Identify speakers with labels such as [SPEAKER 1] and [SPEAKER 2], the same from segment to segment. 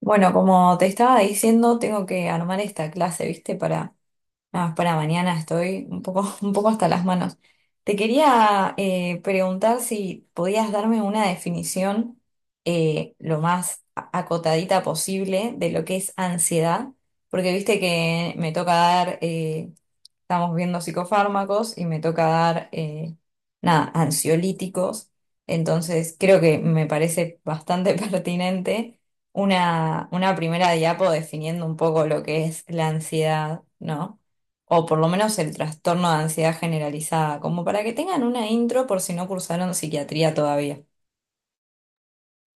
[SPEAKER 1] Bueno, como te estaba diciendo, tengo que armar esta clase, ¿viste? Para, nada, para mañana estoy un poco, un poco hasta las manos. Te quería preguntar si podías darme una definición lo más acotadita posible de lo que es ansiedad, porque viste que me toca dar estamos viendo psicofármacos y me toca dar, nada, ansiolíticos. Entonces, creo que me parece bastante pertinente una primera diapo definiendo un poco lo que es la ansiedad, ¿no? O por lo menos el trastorno de ansiedad generalizada, como para que tengan una intro por si no cursaron psiquiatría todavía.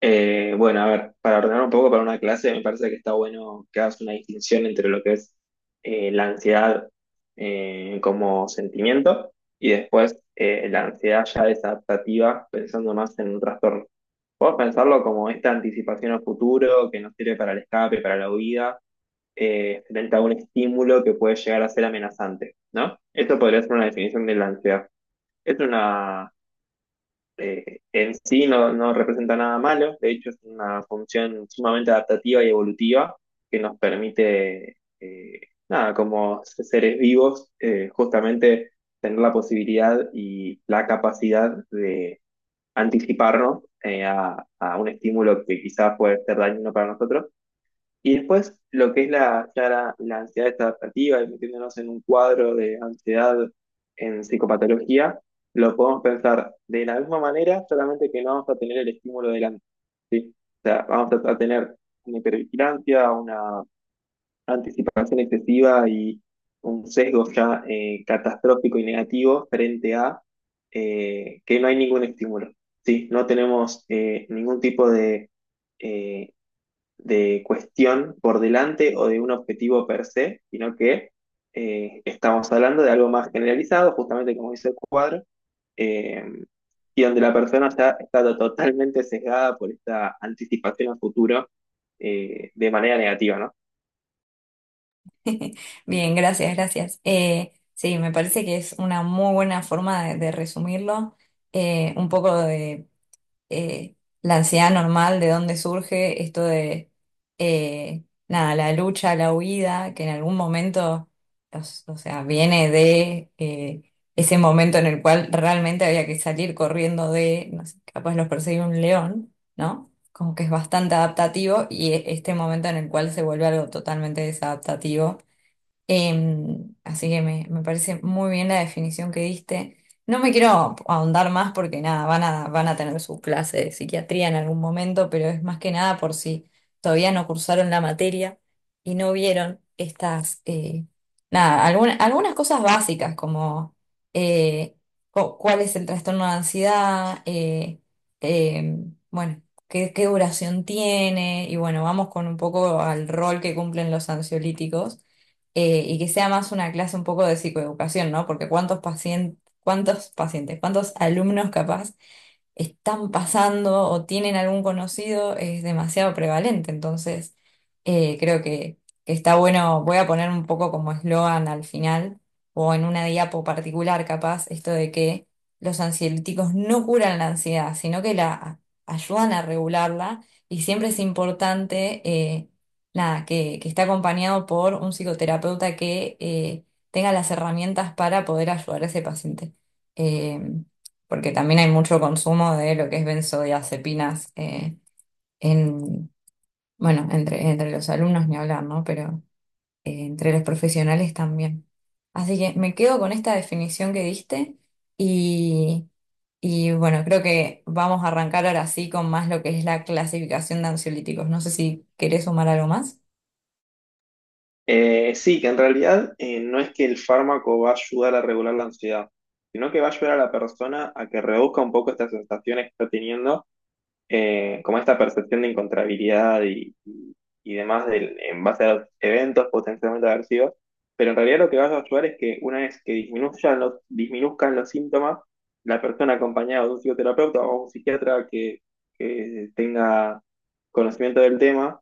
[SPEAKER 2] Bueno, a ver, para ordenar un poco para una clase, me parece que está bueno que hagas una distinción entre lo que es la ansiedad como sentimiento y después la ansiedad ya desadaptativa, pensando más en un trastorno. Podés pensarlo como esta anticipación al futuro que nos sirve para el escape, para la huida, frente a un estímulo que puede llegar a ser amenazante, ¿no? Esto podría ser una definición de la ansiedad. Es una en sí no representa nada malo, de hecho es una función sumamente adaptativa y evolutiva que nos permite, nada, como seres vivos, justamente tener la posibilidad y la capacidad de anticiparnos a un estímulo que quizás puede ser dañino para nosotros y después lo que es la ansiedad adaptativa y metiéndonos en un cuadro de ansiedad en psicopatología, lo podemos pensar de la misma manera, solamente que no vamos a tener el estímulo delante, ¿sí? O sea, vamos a tener una hipervigilancia, una anticipación excesiva y un sesgo ya catastrófico y negativo frente a que no hay ningún estímulo, ¿sí? No tenemos ningún tipo eh, de cuestión por delante o de un objetivo per se, sino que estamos hablando de algo más generalizado, justamente como dice el cuadro, eh, y donde la persona está totalmente sesgada por esta anticipación al futuro de manera negativa, ¿no?
[SPEAKER 1] Bien, gracias, gracias. Sí, me parece que es una muy buena forma de resumirlo. Un poco de eh, la ansiedad normal, de dónde surge esto de, nada, la lucha, la huida, que en algún momento, O sea, viene de ese momento en el cual realmente había que salir corriendo de, no sé, capaz los perseguía un león, ¿no? Como que es bastante adaptativo y este momento en el cual se vuelve algo totalmente desadaptativo. Así que me parece muy bien la definición que diste. No me quiero ahondar más porque nada, van a tener su clase de psiquiatría en algún momento, pero es más que nada por si todavía no cursaron la materia y no vieron estas, nada, algunas cosas básicas como eh, cuál es el trastorno de ansiedad, bueno, qué duración tiene y bueno, vamos con un poco al rol que cumplen los ansiolíticos y que sea más una clase un poco de psicoeducación, ¿no? Porque cuántos pacientes, cuántos pacientes, cuántos alumnos capaz están pasando o tienen algún conocido. Es demasiado prevalente. Entonces, creo que está bueno, voy a poner un poco como eslogan al final o en una diapo particular capaz, esto de que los ansiolíticos no curan la ansiedad, sino que la ayudan a regularla y siempre es importante, nada, que esté acompañado por un psicoterapeuta que... tenga las herramientas para poder ayudar a ese paciente. Eh, Porque también hay mucho consumo de lo que es benzodiazepinas en, bueno, entre los alumnos ni hablar, ¿no? Pero entre los profesionales también. Así que me quedo con esta definición que diste y, y bueno, creo que vamos a arrancar ahora sí con más lo que es la clasificación de ansiolíticos. No sé si querés sumar algo más.
[SPEAKER 2] Sí, que en realidad no es que el fármaco va a ayudar a regular la ansiedad, sino que va a ayudar a la persona a que reduzca un poco estas sensaciones que está teniendo como esta percepción de incontrabilidad y demás en base a los eventos potencialmente aversivos, pero en realidad lo que vas a ayudar es que una vez que disminuzcan los síntomas, la persona acompañada de un psicoterapeuta o un psiquiatra que tenga conocimiento del tema,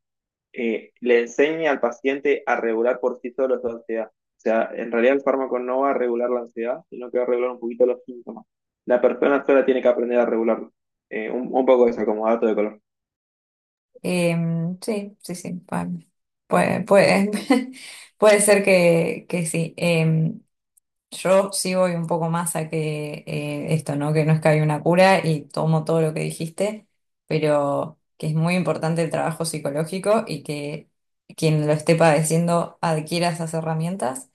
[SPEAKER 2] le enseñe al paciente a regular por sí solo su ansiedad. O sea, en realidad el fármaco no va a regular la ansiedad, sino que va a regular un poquito los síntomas. La persona sola tiene que aprender a regularlo. Un poco eso como dato de color.
[SPEAKER 1] Sí, sí, sí. Puede, puede, puede ser que sí. Yo sí voy un poco más a que esto, ¿no? Que no es que hay una cura y tomo todo lo que dijiste, pero que es muy importante el trabajo psicológico y que quien lo esté padeciendo adquiera esas herramientas.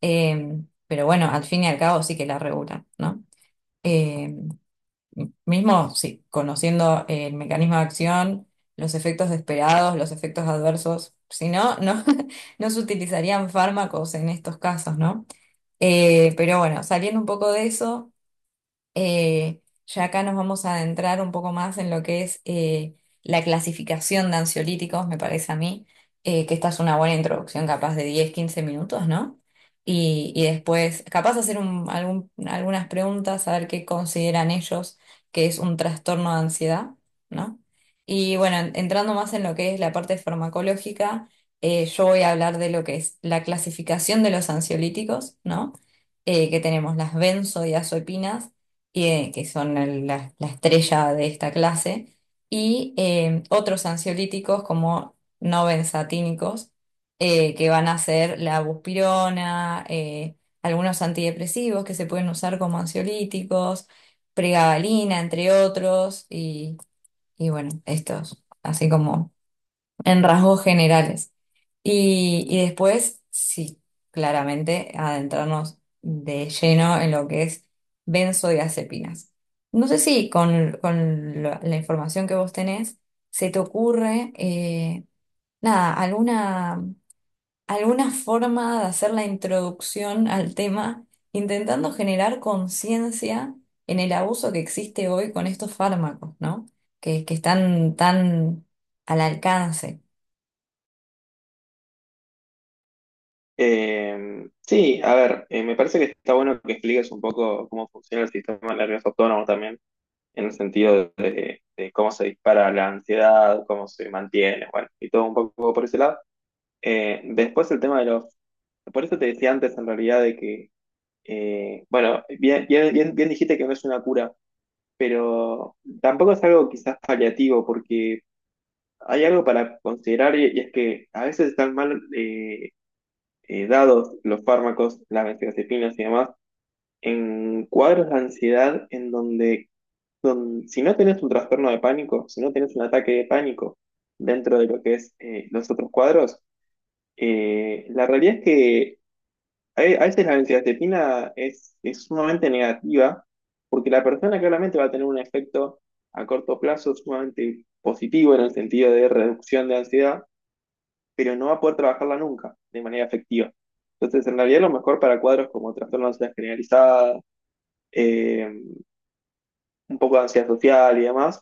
[SPEAKER 1] Eh, pero bueno, al fin y al cabo sí que la regulan, ¿no? Eh, Mismo sí, conociendo el mecanismo de acción, los efectos esperados, los efectos adversos, si no, no, no se utilizarían fármacos en estos casos, ¿no? Pero bueno, saliendo un poco de eso. Eh, ya acá nos vamos a adentrar un poco más en lo que es la clasificación de ansiolíticos, me parece a mí, que esta es una buena introducción, capaz de 10 15 minutos, ¿no? Y después, capaz hacer algunas preguntas, a ver qué consideran ellos que es un trastorno de ansiedad, ¿no? Y bueno, entrando más en lo que es la parte farmacológica, yo voy a hablar de lo que es la clasificación de los ansiolíticos, ¿no? Que tenemos las benzodiazepinas y, que son la estrella de esta clase, y otros ansiolíticos como no benzatínicos, que van a ser la buspirona, algunos antidepresivos que se pueden usar como ansiolíticos, pregabalina, entre otros, y bueno, estos, así como en rasgos generales. Y después, sí, claramente adentrarnos de lleno en lo que es benzodiazepinas. No sé si con la información que vos tenés se te ocurre, nada, alguna forma de hacer la introducción al tema, intentando generar conciencia en el abuso que existe hoy con estos fármacos, ¿no? Que están tan al alcance.
[SPEAKER 2] Sí, a ver, me parece que está bueno que expliques un poco cómo funciona el sistema nervioso autónomo también, en el sentido de cómo se dispara la ansiedad, cómo se mantiene, bueno, y todo un poco por ese lado. Después el tema de los... Por eso te decía antes en realidad bueno, bien dijiste que no es una cura, pero tampoco es algo quizás paliativo, porque hay algo para considerar y es que a veces están mal, dados los fármacos, las benzodiazepinas y demás, en cuadros de ansiedad en donde, si no tenés un trastorno de pánico, si no tenés un ataque de pánico dentro de lo que es los otros cuadros, la realidad es que a veces la benzodiazepina es sumamente negativa porque la persona claramente va a tener un efecto a corto plazo sumamente positivo en el sentido de reducción de ansiedad, pero no va a poder trabajarla nunca de manera efectiva. Entonces, en realidad, lo mejor para cuadros como trastorno de ansiedad generalizada, eh, un poco de ansiedad social y demás,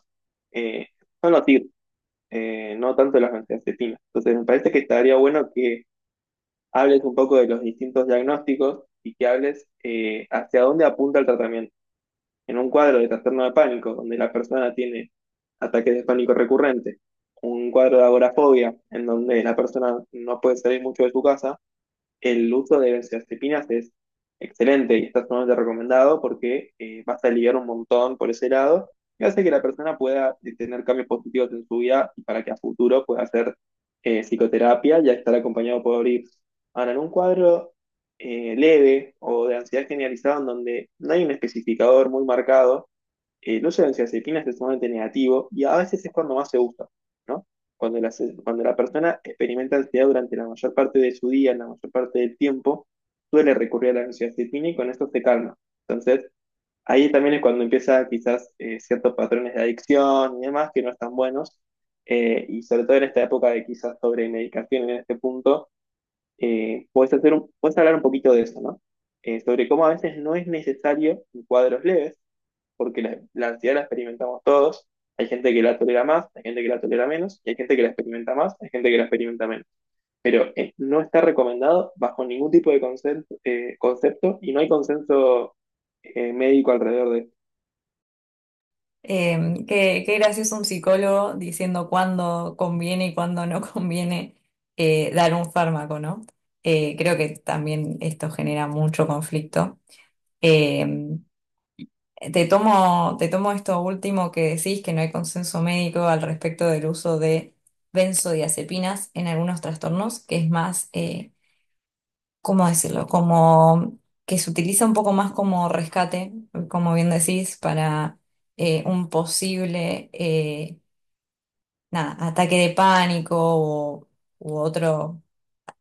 [SPEAKER 2] eh, son los TIR, no tanto las benzodiazepinas. Entonces, me parece que estaría bueno que hables un poco de los distintos diagnósticos y que hables hacia dónde apunta el tratamiento. En un cuadro de trastorno de pánico, donde la persona tiene ataques de pánico recurrente, un cuadro de agorafobia, en donde la persona no puede salir mucho de su casa, el uso de benzodiazepinas es excelente y está sumamente recomendado porque vas a aliviar un montón por ese lado y hace que la persona pueda tener cambios positivos en su vida y para que a futuro pueda hacer psicoterapia y estar acompañado por IPS. Ahora, en un cuadro leve o de ansiedad generalizada en donde no hay un especificador muy marcado, no solo en benzodiazepinas es sumamente negativo y a veces es cuando más se usa, ¿no? Cuando la persona experimenta ansiedad durante la mayor parte de su día, en la mayor parte del tiempo, suele recurrir a la benzodiazepina y con esto se calma. Entonces, ahí también es cuando empieza quizás ciertos patrones de adicción y demás que no están buenos. Y sobre todo en esta época de quizás sobre medicación en este punto, puedes hablar un poquito de eso, ¿no? Sobre cómo a veces no es necesario en cuadros leves porque la ansiedad la experimentamos todos. Hay gente que la tolera más, hay gente que la tolera menos, y hay gente que la experimenta más, hay gente que la experimenta menos. Pero no está recomendado bajo ningún tipo de concepto y no hay consenso médico alrededor de...
[SPEAKER 1] ¿Qué gracioso un psicólogo diciendo cuándo conviene y cuándo no conviene dar un fármaco, ¿no? Creo que también esto genera mucho conflicto. Em, te tomo esto último que decís, que no hay consenso médico al respecto del uso de benzodiazepinas en algunos trastornos, que es más, ¿cómo decirlo? Como que se utiliza un poco más como rescate, como bien decís, para un posible... nada, ataque de pánico u otro,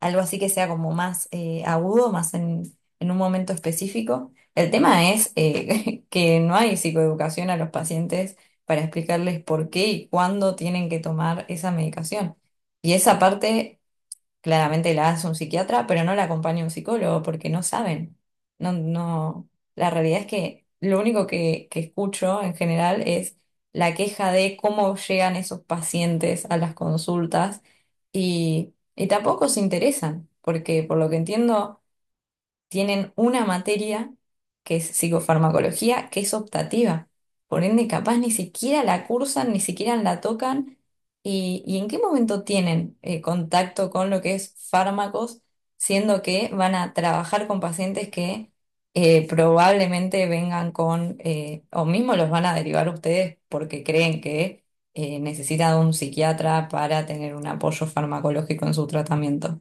[SPEAKER 1] algo así que sea como más agudo, más en un momento específico. El tema es que no hay psicoeducación a los pacientes para explicarles por qué y cuándo tienen que tomar esa medicación. Y esa parte claramente la hace un psiquiatra, pero no la acompaña un psicólogo porque no saben. No, no. La realidad es que lo único que escucho en general es la queja de cómo llegan esos pacientes a las consultas y tampoco se interesan, porque por lo que entiendo tienen una materia que es psicofarmacología, que es optativa. Por ende, capaz ni siquiera la cursan, ni siquiera la tocan. ¿Y en qué momento tienen contacto con lo que es fármacos, siendo que van a trabajar con pacientes que probablemente vengan con, o mismo los van a derivar ustedes porque creen que necesitan de un psiquiatra para tener un apoyo farmacológico en su tratamiento?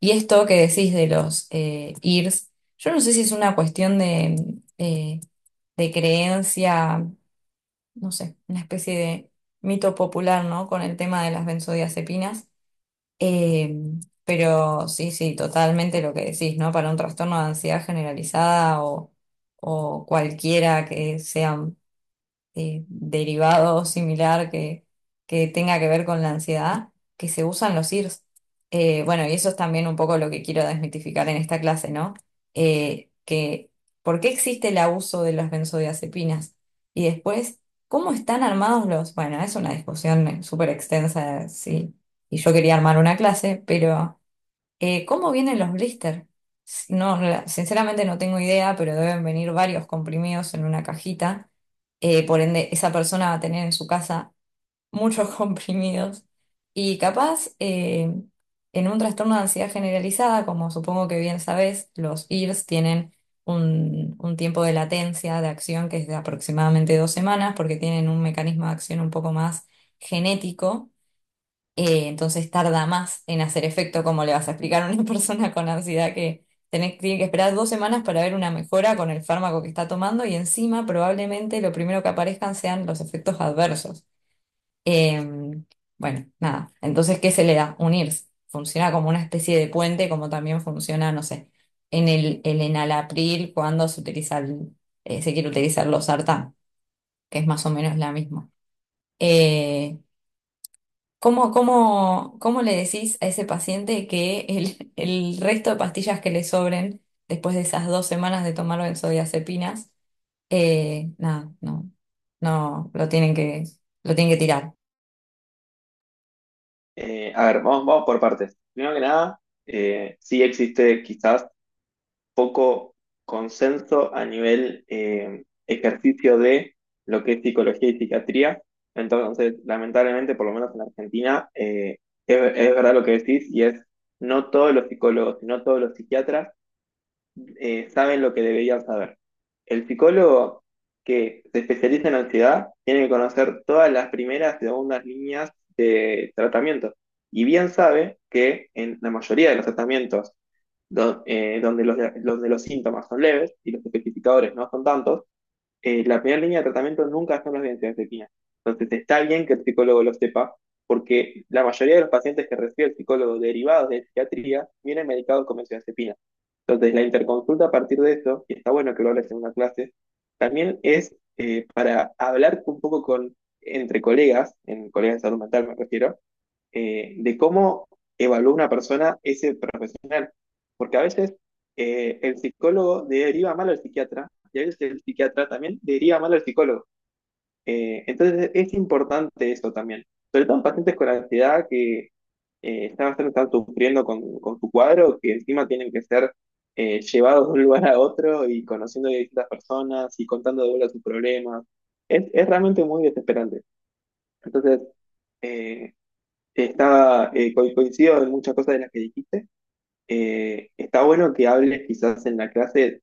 [SPEAKER 1] Y esto que decís de los IRS, yo no sé si es una cuestión eh, de creencia, no sé, una especie de mito popular, ¿no? Con el tema de las benzodiazepinas. Eh, pero sí, sí, totalmente lo que decís, ¿no? Para un trastorno de ansiedad generalizada o cualquiera que sea derivado o similar que tenga que ver con la ansiedad, que se usan los IRS. Bueno, y eso es también un poco lo que quiero desmitificar en esta clase, ¿no? Eh, que, ¿Por qué existe el abuso de las benzodiazepinas? Y después, ¿cómo están armados los...? Bueno, es una discusión súper extensa, sí, y yo quería armar una clase, pero... ¿Cómo vienen los blister? No, sinceramente no tengo idea, pero deben venir varios comprimidos en una cajita. Por ende, esa persona va a tener en su casa muchos comprimidos. Y capaz, en un trastorno de ansiedad generalizada, como supongo que bien sabes, los IRS tienen un tiempo de latencia de acción que es de aproximadamente dos semanas, porque tienen un mecanismo de acción un poco más genético. Entonces tarda más en hacer efecto. Como le vas a explicar a una persona con ansiedad que tiene que esperar dos semanas para ver una mejora con el fármaco que está tomando y encima probablemente lo primero que aparezcan sean los efectos adversos? Eh, bueno, nada, entonces, ¿qué se le da? Unirse. Funciona como una especie de puente, como también funciona, no sé, en el enalapril cuando se quiere utilizar los sartán, que es más o menos la misma. Eh, cómo le decís a ese paciente que el resto de pastillas que le sobren después de esas dos semanas de tomar benzodiazepinas, nada, no, no, lo tienen lo tienen que tirar?
[SPEAKER 2] A ver, vamos por partes. Primero que nada, sí existe quizás poco consenso a nivel ejercicio de lo que es psicología y psiquiatría. Entonces, lamentablemente, por lo menos en Argentina, es verdad lo que decís y es no todos los psicólogos y no todos los psiquiatras saben lo que deberían saber. El psicólogo que se especializa en ansiedad tiene que conocer todas las primeras y segundas líneas de tratamiento. Y bien sabe que en la mayoría de los tratamientos do- eh, donde los, donde los síntomas son leves y los especificadores no son tantos, la primera línea de tratamiento nunca son las benzodiazepinas. Entonces está bien que el psicólogo lo sepa, porque la mayoría de los pacientes que recibe el psicólogo derivados de psiquiatría vienen medicados con benzodiazepina. Entonces, la interconsulta a partir de eso, y está bueno que lo hables en una clase, también es para hablar un poco entre colegas, en colegas de salud mental me refiero, de cómo evalúa una persona ese profesional. Porque a veces el psicólogo deriva mal al psiquiatra y a veces el psiquiatra también deriva mal al psicólogo. Entonces es importante eso también, sobre todo en pacientes con ansiedad que están sufriendo con su cuadro, que encima tienen que ser llevados de un lugar a otro y conociendo de distintas personas y contando de vuelta sus problemas. Es realmente muy desesperante. Entonces, eh, coincido en muchas cosas de las que dijiste. Está bueno que hables quizás en la clase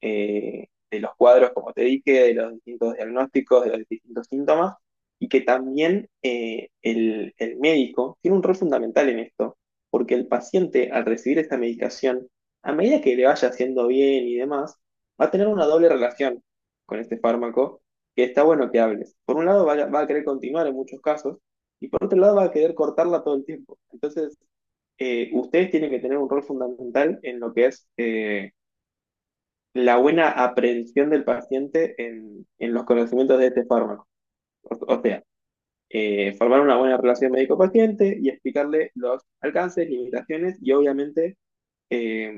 [SPEAKER 2] de los cuadros, como te dije, de los distintos diagnósticos, de los distintos síntomas, y que también el médico tiene un rol fundamental en esto, porque el paciente al recibir esta medicación, a medida que le vaya haciendo bien y demás, va a tener una doble relación con este fármaco, que está bueno que hables. Por un lado va a querer continuar en muchos casos, y por otro lado va a querer cortarla todo el tiempo. Entonces, ustedes tienen que tener un rol fundamental en lo que es la buena aprehensión del paciente en los conocimientos de este fármaco. O sea, formar una buena relación médico-paciente y explicarle los alcances, limitaciones y obviamente eh,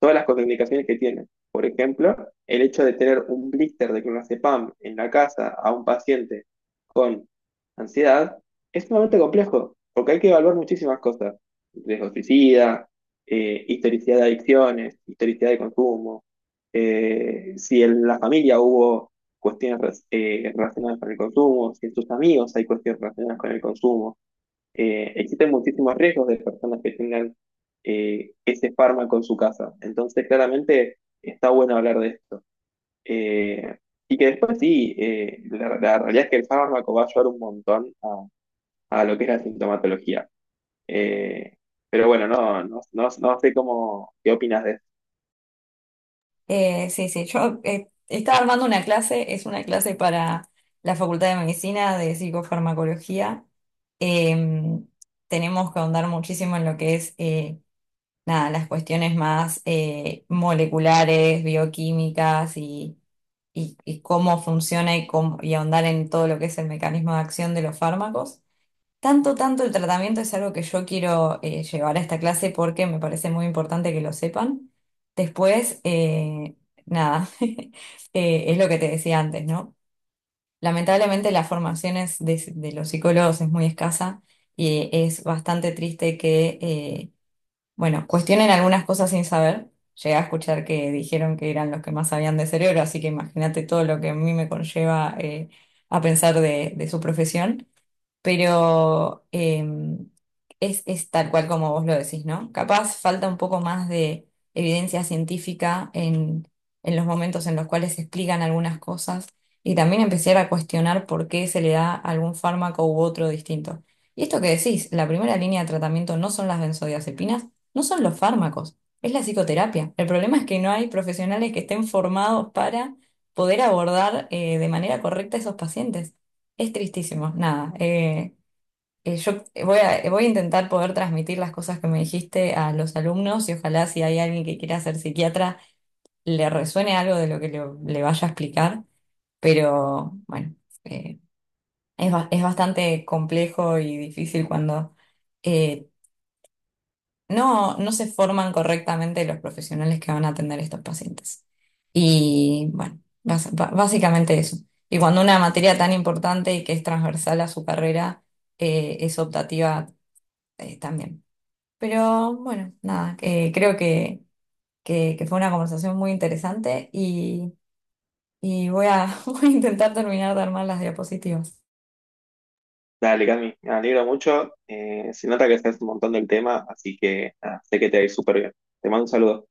[SPEAKER 2] todas las contraindicaciones que tiene. Por ejemplo, el hecho de tener un blister de clonazepam en la casa a un paciente con ansiedad es sumamente complejo, porque hay que evaluar muchísimas cosas. Riesgo suicida, historicidad de adicciones, historicidad de consumo, si en la familia hubo cuestiones relacionadas con el consumo, si en tus amigos hay cuestiones relacionadas con el consumo existen muchísimos riesgos de personas que tengan ese fármaco en su casa. Entonces, claramente está bueno hablar de esto. Eh, y que después sí, la realidad es que el fármaco va a ayudar un montón a lo que es la sintomatología. Eh, pero bueno, no sé cómo, qué opinas de esto.
[SPEAKER 1] Sí, sí, yo estaba armando una clase, es una clase para la Facultad de Medicina de Psicofarmacología. Em, Tenemos que ahondar muchísimo en lo que es nada, las cuestiones más moleculares, bioquímicas y cómo funciona y ahondar en todo lo que es el mecanismo de acción de los fármacos. Tanto el tratamiento es algo que yo quiero llevar a esta clase porque me parece muy importante que lo sepan. Después, nada, es lo que te decía antes, ¿no? Lamentablemente la formación de los psicólogos es muy escasa y es bastante triste que... bueno, cuestionen algunas cosas sin saber. Llegué a escuchar que dijeron que eran los que más sabían de cerebro, así que imagínate todo lo que a mí me conlleva a pensar de su profesión. Pero es tal cual como vos lo decís, ¿no? Capaz falta un poco más de evidencia científica en los momentos en los cuales se explican algunas cosas y también empezar a cuestionar por qué se le da algún fármaco u otro distinto. Y esto que decís, la primera línea de tratamiento no son las benzodiazepinas, no son los fármacos, es la psicoterapia. El problema es que no hay profesionales que estén formados para poder abordar de manera correcta a esos pacientes. Es tristísimo, nada. Yo voy a intentar poder transmitir las cosas que me dijiste a los alumnos y ojalá si hay alguien que quiera ser psiquiatra le resuene algo de lo que le vaya a explicar, pero bueno, eh, es bastante complejo y difícil cuando eh, no se forman correctamente los profesionales que van a atender a estos pacientes. Y bueno, básicamente eso. Y cuando una materia tan importante y que es transversal a su carrera es optativa también. Pero bueno, nada, creo que fue una conversación muy interesante y voy a, voy a intentar terminar de armar las diapositivas.
[SPEAKER 2] Dale, Cami, me alegro mucho. Se nota que sabes un montón del tema, así que nada, sé que te va a ir súper bien. Te mando un saludo.